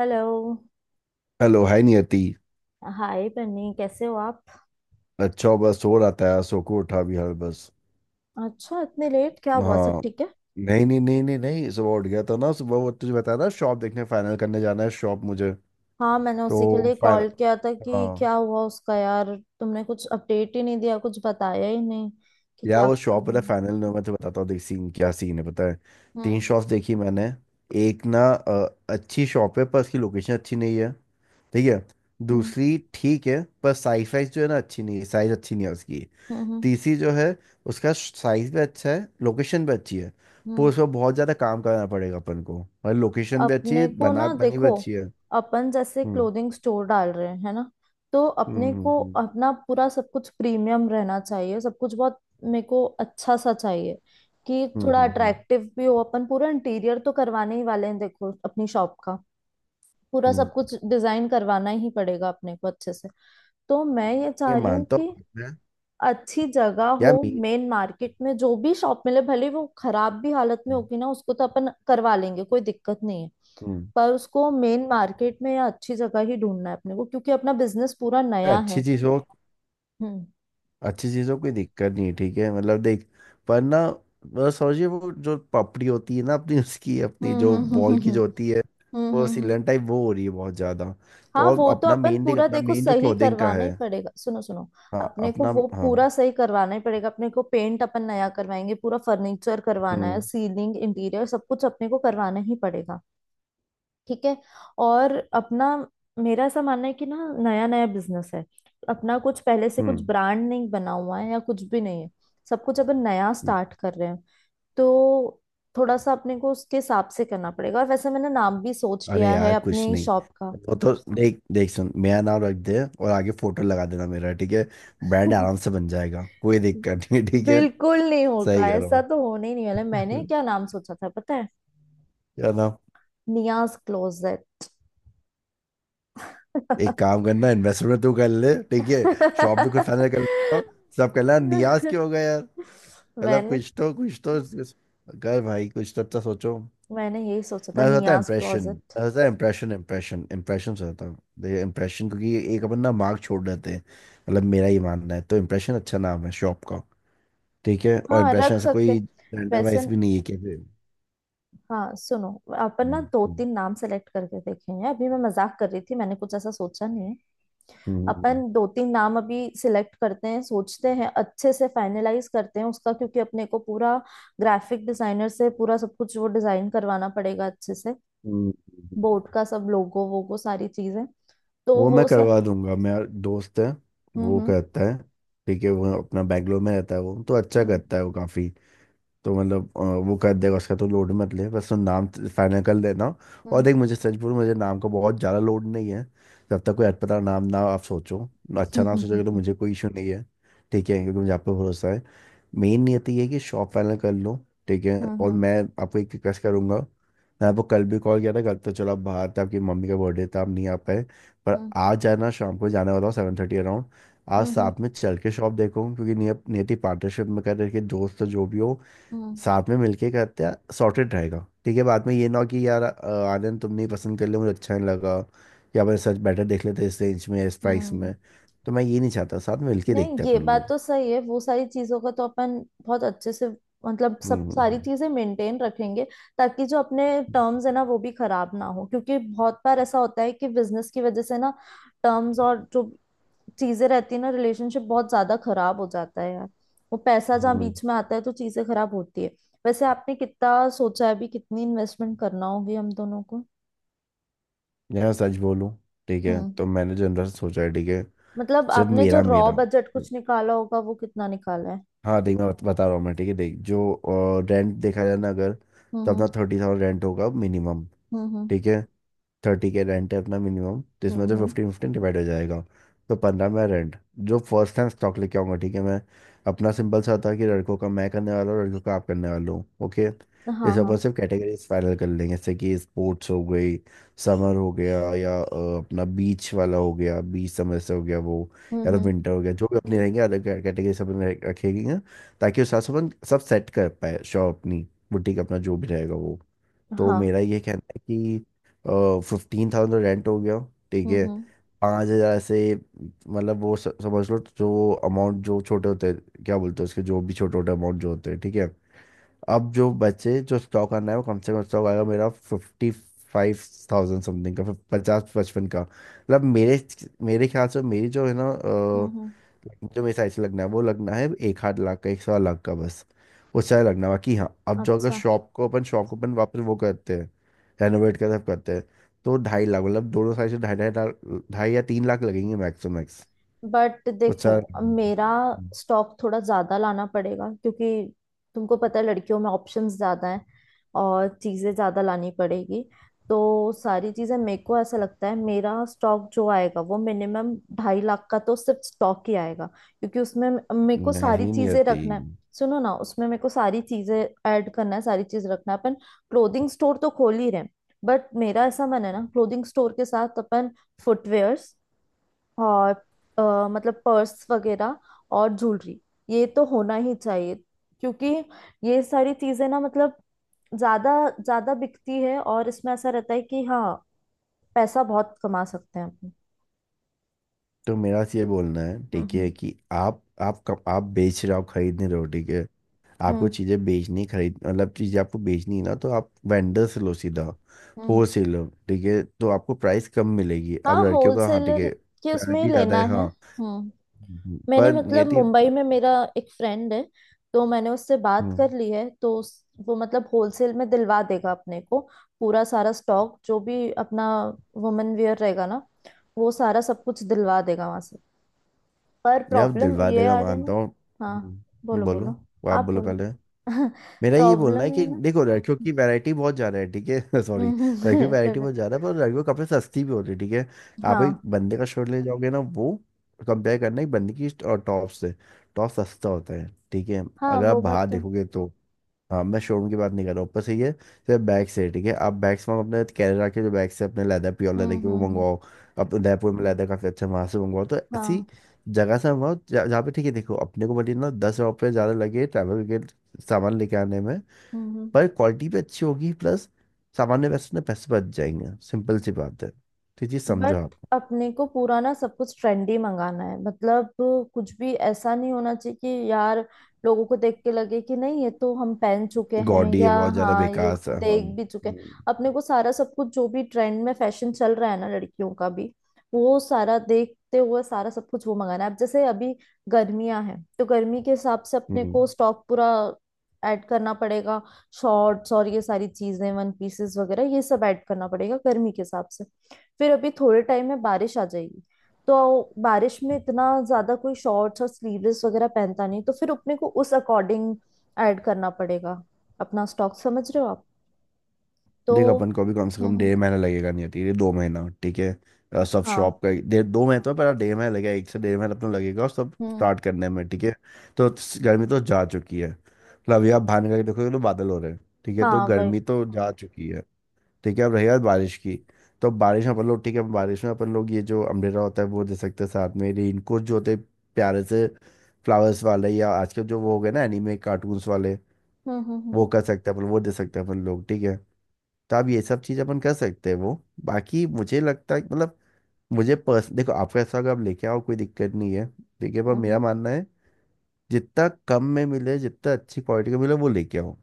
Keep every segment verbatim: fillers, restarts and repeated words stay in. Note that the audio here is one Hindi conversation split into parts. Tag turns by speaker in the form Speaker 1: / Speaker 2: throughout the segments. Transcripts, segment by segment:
Speaker 1: Hello.
Speaker 2: Hello, hi Niyati.
Speaker 1: Hi Bunny, कैसे हो आप।
Speaker 2: अच्छा बस सो रहा था यार, सो को उठा भी हर बस।
Speaker 1: अच्छा, इतने लेट क्या हुआ, सब
Speaker 2: हाँ।
Speaker 1: ठीक है।
Speaker 2: नहीं नहीं नहीं नहीं नहीं, सुबह उठ गया था ना, सुबह वो तुझे बताया ना शॉप देखने फाइनल करने जाना है शॉप मुझे।
Speaker 1: हाँ, मैंने उसी के
Speaker 2: तो
Speaker 1: लिए कॉल
Speaker 2: फाइनल।
Speaker 1: किया था कि
Speaker 2: हाँ।
Speaker 1: क्या हुआ उसका। यार तुमने कुछ अपडेट ही नहीं दिया, कुछ बताया ही नहीं कि
Speaker 2: यार
Speaker 1: क्या
Speaker 2: वो शॉप
Speaker 1: करना
Speaker 2: वाला
Speaker 1: है।
Speaker 2: फाइनल में मैं तो बताता हूँ, देख सीन क्या सीन है पता है। तीन
Speaker 1: हम्म,
Speaker 2: शॉप्स देखी मैंने। एक ना अ, अच्छी शॉप है पर उसकी लोकेशन अच्छी नहीं है। ठीक है।
Speaker 1: हम्म,
Speaker 2: दूसरी ठीक है पर साइज वाइज जो है ना अच्छी नहीं है, साइज अच्छी नहीं है उसकी।
Speaker 1: हम्म, हम्म, हम्म,
Speaker 2: टीसी जो है, उसका साइज भी अच्छा है, लोकेशन भी अच्छी है पर
Speaker 1: हम्म।
Speaker 2: उसमें बहुत ज़्यादा काम करना पड़ेगा अपन को। और लोकेशन भी अच्छी है,
Speaker 1: अपने को
Speaker 2: बना
Speaker 1: ना
Speaker 2: बनी भी
Speaker 1: देखो,
Speaker 2: अच्छी है।
Speaker 1: अपन जैसे
Speaker 2: हम्म
Speaker 1: क्लोथिंग स्टोर डाल रहे हैं, है ना। तो अपने
Speaker 2: हम्म
Speaker 1: को
Speaker 2: हम्म
Speaker 1: अपना पूरा सब कुछ प्रीमियम रहना चाहिए, सब कुछ बहुत मेरे को अच्छा सा चाहिए, कि
Speaker 2: हम्म
Speaker 1: थोड़ा
Speaker 2: हम्म हम्म हम्म,
Speaker 1: अट्रैक्टिव भी हो। अपन पूरा इंटीरियर तो करवाने ही वाले हैं, देखो अपनी शॉप का। पूरा
Speaker 2: हम्म।
Speaker 1: सब कुछ डिजाइन करवाना ही पड़ेगा अपने को अच्छे से। तो मैं ये
Speaker 2: ये
Speaker 1: चाह रही हूँ
Speaker 2: मानता हूँ
Speaker 1: कि
Speaker 2: बात मैं।
Speaker 1: अच्छी जगह
Speaker 2: यार
Speaker 1: हो।
Speaker 2: मी
Speaker 1: मेन मार्केट में जो भी शॉप मिले, भले वो खराब भी हालत में होगी ना, उसको तो अपन करवा लेंगे, कोई दिक्कत नहीं है।
Speaker 2: हम्म।
Speaker 1: पर उसको मेन मार्केट में या अच्छी जगह ही ढूंढना है अपने को, क्योंकि अपना बिजनेस पूरा नया
Speaker 2: अच्छी
Speaker 1: है।
Speaker 2: चीज़ों
Speaker 1: हम्म,
Speaker 2: अच्छी चीज़ों कोई दिक्कत नहीं है ठीक है, मतलब देख, पर ना मतलब समझिए वो जो पपड़ी होती है ना अपनी, उसकी अपनी
Speaker 1: हम्म,
Speaker 2: जो
Speaker 1: हम्म, हम्म,
Speaker 2: वॉल की
Speaker 1: हम्म,
Speaker 2: जो होती है,
Speaker 1: हम्म,
Speaker 2: वो
Speaker 1: हम्म, हम्म।
Speaker 2: सिलन टाइप वो हो रही है बहुत ज़्यादा। तो
Speaker 1: हाँ,
Speaker 2: और
Speaker 1: वो तो
Speaker 2: अपना
Speaker 1: अपन
Speaker 2: मेन देख
Speaker 1: पूरा
Speaker 2: अपना
Speaker 1: देखो
Speaker 2: मेन जो
Speaker 1: सही
Speaker 2: क्लोथिंग का
Speaker 1: करवाना ही
Speaker 2: है।
Speaker 1: पड़ेगा। सुनो सुनो,
Speaker 2: हाँ,
Speaker 1: अपने को
Speaker 2: अपना
Speaker 1: वो
Speaker 2: हाँ।
Speaker 1: पूरा सही करवाना ही पड़ेगा। अपने को पेंट अपन नया करवाएंगे, पूरा फर्नीचर करवाना है,
Speaker 2: हम्म
Speaker 1: सीलिंग, इंटीरियर, सब कुछ अपने को करवाना ही पड़ेगा। ठीक है। और अपना, मेरा ऐसा मानना है कि ना, नया नया बिजनेस है अपना, कुछ पहले से कुछ
Speaker 2: हम्म
Speaker 1: ब्रांड नहीं बना हुआ है या कुछ भी नहीं है, सब कुछ अपन नया
Speaker 2: हम्म।
Speaker 1: स्टार्ट कर रहे हैं। तो थोड़ा सा अपने को उसके हिसाब से करना पड़ेगा। और वैसे, मैंने नाम भी सोच
Speaker 2: अरे
Speaker 1: लिया है
Speaker 2: यार कुछ
Speaker 1: अपनी
Speaker 2: नहीं,
Speaker 1: शॉप का।
Speaker 2: वो तो देख देख सुन, मेरा नाम रख दे और आगे फोटो लगा देना मेरा, ठीक है। ब्रांड आराम से बन जाएगा, कोई दिक्कत नहीं है, ठीक है।
Speaker 1: बिल्कुल नहीं होगा,
Speaker 2: सही कह रहा
Speaker 1: ऐसा तो होने ही नहीं वाला है। मैंने
Speaker 2: हूँ।
Speaker 1: क्या नाम सोचा था पता है,
Speaker 2: क्या ना।
Speaker 1: नियाज क्लोजेट।
Speaker 2: एक काम करना, इन्वेस्टमेंट तू कर ले, ठीक है। शॉप भी खुद फाइनल कर लेगा, सब करना। नियाज क्यों हो गया यार? मतलब
Speaker 1: मैंने
Speaker 2: कुछ तो कुछ तो कर भाई, कुछ तो अच्छा सोचो।
Speaker 1: मैंने यही सोचा था,
Speaker 2: मैं बताता है
Speaker 1: नियाज
Speaker 2: इम्प्रेशन
Speaker 1: क्लोजेट।
Speaker 2: मैं बताता है इम्प्रेशन, इम्प्रेशन इम्प्रेशन से होता है इम्प्रेशन, क्योंकि एक अपन ना मार्क छोड़ देते हैं। मतलब मेरा ही मानना है, तो इम्प्रेशन अच्छा नाम है शॉप का। ठीक है। और
Speaker 1: हाँ,
Speaker 2: इम्प्रेशन
Speaker 1: रख
Speaker 2: ऐसा
Speaker 1: सकते
Speaker 2: कोई जेंडर
Speaker 1: वैसे।
Speaker 2: वाइज भी नहीं है, कैसे।
Speaker 1: हाँ, सुनो। अपन ना
Speaker 2: हम्म,
Speaker 1: दो
Speaker 2: हम्म,
Speaker 1: तीन नाम सेलेक्ट करके देखेंगे। अभी मैं मजाक कर रही थी, मैंने कुछ ऐसा सोचा नहीं है।
Speaker 2: हम्म, हम्म,
Speaker 1: अपन दो तीन नाम अभी सिलेक्ट करते हैं, सोचते हैं, अच्छे से फाइनलाइज करते हैं उसका। क्योंकि अपने को पूरा ग्राफिक डिजाइनर से पूरा सब कुछ वो डिजाइन करवाना पड़ेगा अच्छे से।
Speaker 2: हम्म, हम्म।
Speaker 1: बोर्ड का सब लोगो वोगो सारी चीजें, तो
Speaker 2: वो
Speaker 1: वो
Speaker 2: मैं
Speaker 1: सब।
Speaker 2: करवा दूंगा, मेरा दोस्त है, वो
Speaker 1: हम्म,
Speaker 2: करता है, ठीक है। वो अपना बैंगलोर में रहता है, वो तो अच्छा
Speaker 1: हम्म,
Speaker 2: करता है वो काफ़ी। तो मतलब अ, वो कर देगा, उसका तो लोड मत ले, बस तुम नाम फाइनल कर लेना। और
Speaker 1: हम्म,
Speaker 2: देख मुझे सच बोलूं, मुझे नाम का बहुत ज़्यादा लोड नहीं है। जब तक कोई अटपटा नाम ना आप सोचो,
Speaker 1: हम्म,
Speaker 2: अच्छा नाम सोचोगे तो मुझे
Speaker 1: हम्म,
Speaker 2: कोई इशू नहीं है, ठीक है, क्योंकि मुझे आप पे भरोसा है। मेन नियति ये है कि शॉप फाइनल कर लो, ठीक है।
Speaker 1: हम्म, हम्म,
Speaker 2: और
Speaker 1: हम्म,
Speaker 2: मैं आपको एक रिक्वेस्ट करूंगा। मैं आपको कल भी कॉल किया था, कल तो चलो आप बाहर थे, आपकी मम्मी का बर्थडे था, आप नहीं आ पाए। पर आज जाना शाम को जाने वाला हूँ सेवन थर्टी अराउंड। आज
Speaker 1: हम्म, हम्म, हम्म,
Speaker 2: साथ में चल के शॉप देखो, क्योंकि नियत नियति पार्टनरशिप में कर रहे हैं, कि दोस्त तो जो भी हो,
Speaker 1: हम्म।
Speaker 2: साथ में मिलके करते हैं, सॉर्टेड रहेगा, ठीक है। बाद में ये ना हो कि यार अ, आनंद तुमने ही पसंद कर लिया, मुझे अच्छा नहीं लगा या मैं सच बेटर देख लेते इस रेंज में, इस प्राइस
Speaker 1: हम्म।
Speaker 2: में। तो मैं ये नहीं चाहता, साथ में मिलके
Speaker 1: नहीं,
Speaker 2: देखते हैं
Speaker 1: ये
Speaker 2: अपन
Speaker 1: बात
Speaker 2: लोग।
Speaker 1: तो सही है। वो सारी चीजों का तो अपन बहुत अच्छे से, मतलब सब
Speaker 2: हम्म
Speaker 1: सारी
Speaker 2: हम्म
Speaker 1: चीजें मेंटेन रखेंगे, ताकि जो अपने टर्म्स है ना, वो भी खराब ना हो। क्योंकि बहुत बार ऐसा होता है कि बिजनेस की वजह से ना, टर्म्स और जो चीजें रहती है ना, रिलेशनशिप बहुत ज्यादा खराब हो जाता है यार। वो पैसा जहाँ
Speaker 2: हम्म।
Speaker 1: बीच में आता है, तो चीजें खराब होती है। वैसे आपने कितना सोचा है अभी, कितनी इन्वेस्टमेंट करना होगी हम दोनों को।
Speaker 2: यार सच बोलूं, ठीक है,
Speaker 1: हम्म,
Speaker 2: तो मैंने जनरल सोचा है, ठीक है।
Speaker 1: मतलब
Speaker 2: जब
Speaker 1: आपने जो
Speaker 2: मेरा
Speaker 1: रॉ
Speaker 2: मेरा
Speaker 1: बजट कुछ निकाला होगा वो कितना निकाला है।
Speaker 2: हाँ देख मैं बत- बता रहा हूँ मैं, ठीक है, देख जो रेंट देखा जाए ना अगर,
Speaker 1: हम्म,
Speaker 2: तो अपना
Speaker 1: हम्म,
Speaker 2: थर्टी थाउजेंड रेंट होगा मिनिमम।
Speaker 1: हम्म, हम्म।
Speaker 2: ठीक है। थर्टी के रेंट है अपना मिनिमम, जिसमें
Speaker 1: हम्म,
Speaker 2: से
Speaker 1: हम्म।
Speaker 2: फिफ्टीन फिफ्टीन डिवाइड हो जाएगा। तो पंद्रह मेरा रेंट, जो फर्स्ट टाइम स्टॉक लेके आऊंगा, ठीक है मैं। अपना सिंपल सा था कि लड़कों का मैं करने वाला हूँ, लड़कों का आप करने वाला हूँ, ओके।
Speaker 1: हाँ,
Speaker 2: इस
Speaker 1: हाँ।
Speaker 2: ऊपर सिर्फ कैटेगरीज फाइनल कर लेंगे, जैसे कि स्पोर्ट्स हो गई, समर हो गया या अ, अपना बीच वाला हो गया, बीच समर से हो गया वो,
Speaker 1: हम्म,
Speaker 2: या तो
Speaker 1: हम्म।
Speaker 2: विंटर हो गया, जो भी अपनी रहेंगे अलग कैटेगरी सब अपने रखेंगे, ताकि उस हिसाब से अपन सब सेट कर पाए शॉप अपनी, बुटीक अपना जो भी रहेगा वो। तो
Speaker 1: हाँ,
Speaker 2: मेरा ये कहना है कि फिफ्टीन थाउजेंड रेंट हो गया, ठीक
Speaker 1: हम्म,
Speaker 2: है।
Speaker 1: हम्म,
Speaker 2: पाँच हज़ार से मतलब वो स- समझ लो जो अमाउंट जो छोटे होते हैं क्या बोलते हैं उसके, जो भी छोटे छोटे अमाउंट जो होते हैं, ठीक है। अब जो बचे जो स्टॉक आना है वो कम से कम स्टॉक आएगा मेरा फिफ्टी फाइव थाउजेंड समथिंग का, पचास पचपन का, मतलब मेरे मेरे ख्याल से मेरी जो है ना
Speaker 1: हम्म,
Speaker 2: अ,
Speaker 1: हम्म,
Speaker 2: जो मेरे साइड से लगना है वो लगना है, एक आध लाख का, एक सवा लाख का, बस। उससे ज़्यादा लगना है। बाकी हाँ, अब जो अगर
Speaker 1: अच्छा।
Speaker 2: शॉप को अपन शॉप को अपन वापस वो करते हैं, रेनोवेट कर सब करते हैं, तो ढाई लाख मतलब दोनों साइड से ढाई ढाई लाख, ढाई या तीन लाख लगेंगे मैक्स टू मैक्स,
Speaker 1: बट
Speaker 2: उससे
Speaker 1: देखो,
Speaker 2: ज़्यादा
Speaker 1: मेरा स्टॉक थोड़ा ज्यादा लाना पड़ेगा, क्योंकि तुमको पता है, लड़कियों में ऑप्शंस ज्यादा हैं और चीजें ज्यादा लानी पड़ेगी। तो सारी चीजें, मेरे को ऐसा लगता है मेरा स्टॉक जो आएगा वो मिनिमम ढाई लाख का तो सिर्फ स्टॉक ही आएगा। क्योंकि उसमें मे- मेरे को सारी
Speaker 2: नहीं नहीं
Speaker 1: चीजें
Speaker 2: होती।
Speaker 1: रखना है। सुनो ना, उसमें मेरे को सारी चीजें ऐड करना है, सारी चीज रखना है। अपन क्लोथिंग स्टोर तो खोल ही रहे हैं, बट मेरा ऐसा मन है ना, क्लोथिंग स्टोर के साथ अपन फुटवेयर और अ, मतलब पर्स वगैरह और ज्वेलरी, ये तो होना ही चाहिए। क्योंकि ये सारी चीजें ना, मतलब ज्यादा ज्यादा बिकती है, और इसमें ऐसा रहता है कि हाँ, पैसा बहुत कमा सकते हैं अपन।
Speaker 2: तो मेरा तो ये बोलना है
Speaker 1: हम्म,
Speaker 2: ठीक है
Speaker 1: हम्म,
Speaker 2: कि आप आप कब आप बेच रहे हो, आप खरीद नहीं रहे हो, ठीक है। आपको
Speaker 1: हम्म,
Speaker 2: चीज़ें बेचनी, खरीद मतलब चीज़ें आपको बेचनी है ना, तो आप वेंडर से लो सीधा,
Speaker 1: हम्म।
Speaker 2: होल सेल लो, ठीक है, तो आपको प्राइस कम मिलेगी। अब
Speaker 1: हाँ,
Speaker 2: लड़कियों का हाँ ठीक
Speaker 1: होलसेलर
Speaker 2: है,
Speaker 1: के उसमें ही
Speaker 2: वैरायटी ज़्यादा
Speaker 1: लेना
Speaker 2: है
Speaker 1: है।
Speaker 2: हाँ।
Speaker 1: हम्म।
Speaker 2: हम्म,
Speaker 1: मैंने,
Speaker 2: पर
Speaker 1: मतलब
Speaker 2: नियति।
Speaker 1: मुंबई में मेरा एक फ्रेंड है, तो मैंने उससे बात कर
Speaker 2: हम्म।
Speaker 1: ली है, तो उस- वो मतलब होलसेल में दिलवा देगा अपने को। पूरा सारा स्टॉक जो भी अपना वुमेन वेयर रहेगा ना, वो सारा सब कुछ दिलवा देगा वहां से। पर
Speaker 2: यार
Speaker 1: प्रॉब्लम
Speaker 2: दिलवा
Speaker 1: ये
Speaker 2: देगा
Speaker 1: आ रही है
Speaker 2: मानता
Speaker 1: ना।
Speaker 2: हूँ।
Speaker 1: हाँ,
Speaker 2: हम्म,
Speaker 1: बोलो
Speaker 2: बोलो।
Speaker 1: बोलो,
Speaker 2: आप
Speaker 1: आप
Speaker 2: बोलो
Speaker 1: बोलो।
Speaker 2: पहले। मेरा ये बोलना
Speaker 1: प्रॉब्लम
Speaker 2: है
Speaker 1: है
Speaker 2: कि
Speaker 1: ना।
Speaker 2: देखो लड़कियों की वैरायटी बहुत ज्यादा है, ठीक है। सॉरी,
Speaker 1: हम्म, हम्म।
Speaker 2: लड़कियों की
Speaker 1: कोई
Speaker 2: वैरायटी
Speaker 1: बात।
Speaker 2: बहुत ज्यादा है पर लड़कियों के कपड़े सस्ती भी होती है, ठीक है। आप एक
Speaker 1: हाँ,
Speaker 2: बंदे का शर्ट ले जाओगे ना वो, कंपेयर करना एक बंदे की और टॉप से, टॉप सस्ता होता है, ठीक है,
Speaker 1: हाँ,
Speaker 2: अगर आप
Speaker 1: वो बात
Speaker 2: बाहर
Speaker 1: तो।
Speaker 2: देखोगे तो। हाँ मैं शोरूम की बात नहीं कर रहा हूँ, ऊपर से ये सिर्फ बैग्स है, ठीक है। आप बैग्स में अपने केरला के जो बैग्स है अपने लेदर, प्योर
Speaker 1: हम्म,
Speaker 2: लेदर के, वो
Speaker 1: हम्म, हम्म।
Speaker 2: मंगवाओ। अपने उदयपुर में लेदर काफ़ी अच्छा है, वहाँ से मंगवाओ, तो ऐसी
Speaker 1: हाँ,
Speaker 2: जगह से मंगवाओ जहाँ जहाँ पे ठीक है। देखो अपने को भले ना दस रुपये ज़्यादा लगे ट्रैवल सामान लेके आने में,
Speaker 1: हम्म, हम्म।
Speaker 2: पर क्वालिटी भी अच्छी होगी प्लस सामान्य पैसे ना पैसे बच जाएंगे, सिंपल सी बात है, तो ये चीज़ समझो
Speaker 1: बट
Speaker 2: आप।
Speaker 1: अपने को पूरा ना सब कुछ ट्रेंडी मंगाना है, मतलब कुछ भी ऐसा नहीं होना चाहिए कि यार, लोगों को देख के लगे कि नहीं, ये तो हम पहन चुके हैं,
Speaker 2: गॉडी ये
Speaker 1: या
Speaker 2: बहुत ज़्यादा
Speaker 1: हाँ, ये
Speaker 2: बेकार सा, हाँ।
Speaker 1: देख भी चुके हैं।
Speaker 2: हम्म,
Speaker 1: अपने को सारा सब कुछ जो भी ट्रेंड में फैशन चल रहा है ना, लड़कियों का भी, वो सारा देखते हुए सारा सब कुछ वो मंगाना है। अब जैसे अभी गर्मियां हैं, तो गर्मी के हिसाब से अपने
Speaker 2: हम्म।
Speaker 1: को स्टॉक पूरा ऐड करना पड़ेगा। शॉर्ट्स और ये सारी चीजें, वन पीसेस वगैरह, ये सब ऐड करना पड़ेगा गर्मी के हिसाब से। फिर अभी थोड़े टाइम में बारिश आ जाएगी, तो बारिश में इतना ज्यादा कोई शॉर्ट्स और स्लीवलेस वगैरह पहनता नहीं, तो फिर अपने को उस अकॉर्डिंग ऐड करना पड़ेगा अपना स्टॉक। समझ रहे हो आप। तो
Speaker 2: देख अपन को भी कम से
Speaker 1: हम्म,
Speaker 2: कम
Speaker 1: हम्म।
Speaker 2: डेढ़ महीना लगेगा, नहीं ठीक है दो महीना ठीक है, अ, सब शॉप
Speaker 1: हाँ,
Speaker 2: का डेढ़ दो महीने तो है, पर डेढ़ महीना लगेगा, एक से डेढ़ महीना अपना लगेगा और सब
Speaker 1: हम्म।
Speaker 2: स्टार्ट करने में, ठीक है। तो स- गर्मी तो जा चुकी है मतलब, अभी आप बाहर निकल के देखोगे तो बादल हो रहे हैं, ठीक है, तो
Speaker 1: हाँ वही।
Speaker 2: गर्मी तो जा चुकी है। ठीक है। अब रही बात बारिश की, तो बारिश में अपन लोग, ठीक है, बारिश में अपन लोग ये जो अम्ब्रेला होता है वो दे सकते हैं, साथ में रेनकोट जो होते हैं प्यारे से, फ्लावर्स वाले या आजकल जो वो हो गए ना एनीमे कार्टून्स वाले,
Speaker 1: हम्म, हम्म, हम्म,
Speaker 2: वो कर सकते हैं अपन, वो दे सकते हैं अपन लोग, ठीक है। तो आप ये सब चीज़ अपन कर सकते हैं वो, बाकी मुझे लगता है मतलब मुझे पर्स देखो आपका हिस्सा अगर आप लेके आओ कोई दिक्कत नहीं है, ठीक है, पर
Speaker 1: हम्म, हम्म।
Speaker 2: मेरा मानना है जितना कम में मिले, जितना अच्छी क्वालिटी का मिले, वो लेके आओ।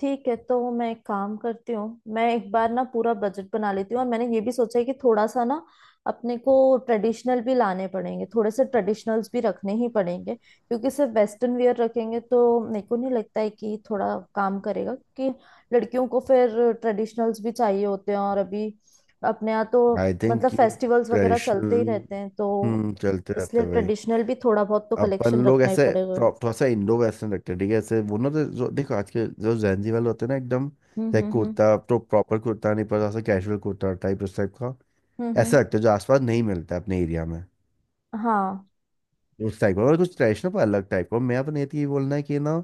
Speaker 1: ठीक है, तो मैं एक काम करती हूँ, मैं एक बार ना पूरा बजट बना लेती हूँ। और मैंने ये भी सोचा है कि थोड़ा सा ना अपने को ट्रेडिशनल भी लाने पड़ेंगे, थोड़े से ट्रेडिशनल्स भी रखने ही पड़ेंगे। क्योंकि सिर्फ वेस्टर्न वियर रखेंगे तो मेरे को नहीं लगता है कि थोड़ा काम करेगा, क्योंकि लड़कियों को फिर ट्रेडिशनल्स भी चाहिए होते हैं। और अभी अपने यहाँ तो,
Speaker 2: आई थिंक
Speaker 1: मतलब
Speaker 2: कि
Speaker 1: फेस्टिवल्स वगैरह चलते ही
Speaker 2: ट्रेडिशनल।
Speaker 1: रहते हैं, तो
Speaker 2: हम्म, चलते रहते
Speaker 1: इसलिए
Speaker 2: हैं भाई।
Speaker 1: ट्रेडिशनल भी थोड़ा बहुत तो
Speaker 2: अपन
Speaker 1: कलेक्शन
Speaker 2: लोग
Speaker 1: रखना ही
Speaker 2: ऐसे
Speaker 1: पड़ेगा।
Speaker 2: प्रॉप- थोड़ा सा इंडो वेस्टर्न रखते हैं, ठीक है। ऐसे वो ना जो जो- देखो आज के जो जैनजी वाले होते हैं ना एकदम,
Speaker 1: हम्म,
Speaker 2: लाइक
Speaker 1: हम्म, हम्म,
Speaker 2: कुर्ता तो प्रॉपर कुर्ता नहीं पड़ता, ऐसा कैजुअल कुर्ता टाइप, उस टाइप का।
Speaker 1: हम्म, हम्म।
Speaker 2: ऐसा रखते हैं जो आसपास नहीं मिलता है अपने एरिया में,
Speaker 1: हाँ,
Speaker 2: उस टाइप का और कुछ ट्रेडिशनल पर अलग टाइप का। मैं अपने ये बोलना है कि ना,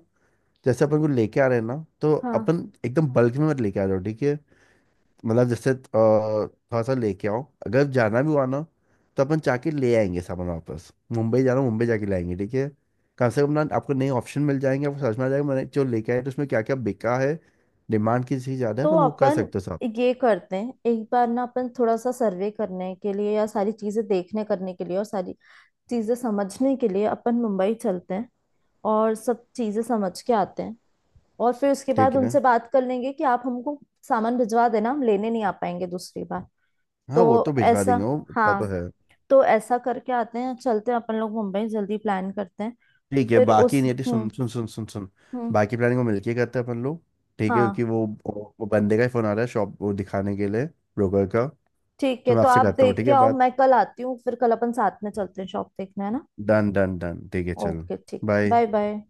Speaker 2: जैसे अपन को लेके आ रहे हैं ना, तो
Speaker 1: हाँ।
Speaker 2: अपन एकदम बल्क में मत लेके आ जाओ, ठीक है। मतलब जैसे अ, थोड़ा सा लेके आओ, अगर जाना भी हुआ ना, तो अपन जाके ले आएंगे सामान वापस, मुंबई जाना, मुंबई जाके लाएंगे, ठीक है। कम से कम ना आपको नए ऑप्शन मिल जाएंगे, आपको समझ में आ जाएगा, मैंने जो लेके आए तो उसमें क्या क्या बिका है, डिमांड किस चीज़ ज़्यादा है,
Speaker 1: तो
Speaker 2: अपन वो कर
Speaker 1: अपन
Speaker 2: सकते हो साहब।
Speaker 1: ये करते हैं, एक बार ना अपन थोड़ा सा सर्वे करने के लिए, या सारी चीजें देखने करने के लिए और सारी चीजें समझने के लिए, अपन मुंबई चलते हैं और सब चीजें समझ के आते हैं। और फिर उसके
Speaker 2: ठीक
Speaker 1: बाद
Speaker 2: है।
Speaker 1: उनसे बात कर लेंगे कि आप हमको सामान भिजवा देना, हम लेने नहीं आ पाएंगे दूसरी बार।
Speaker 2: हाँ वो तो
Speaker 1: तो
Speaker 2: भिजवा
Speaker 1: ऐसा।
Speaker 2: देंगे, वो इतना तो
Speaker 1: हाँ,
Speaker 2: है।
Speaker 1: तो ऐसा करके आते हैं, चलते हैं अपन लोग, मुंबई जल्दी प्लान करते हैं।
Speaker 2: ठीक है
Speaker 1: फिर
Speaker 2: बाकी
Speaker 1: उस
Speaker 2: नहीं, सुन
Speaker 1: हम्म,
Speaker 2: सुन सुन सुन सुन,
Speaker 1: हम्म।
Speaker 2: बाकी प्लानिंग को मिलके करते हैं अपन लोग, ठीक है, क्योंकि
Speaker 1: हाँ,
Speaker 2: वो वो वो बंदे का ही फ़ोन आ रहा है शॉप वो दिखाने के लिए, ब्रोकर का।
Speaker 1: ठीक है
Speaker 2: तो मैं
Speaker 1: तो
Speaker 2: आपसे
Speaker 1: आप
Speaker 2: करता हूँ
Speaker 1: देख
Speaker 2: ठीक
Speaker 1: के
Speaker 2: है
Speaker 1: आओ,
Speaker 2: बात।
Speaker 1: मैं कल आती हूँ, फिर कल अपन साथ में चलते हैं शॉप देखने, है ना।
Speaker 2: डन डन डन ठीक है चलो।
Speaker 1: ओके, ठीक,
Speaker 2: बाय।
Speaker 1: Bye bye.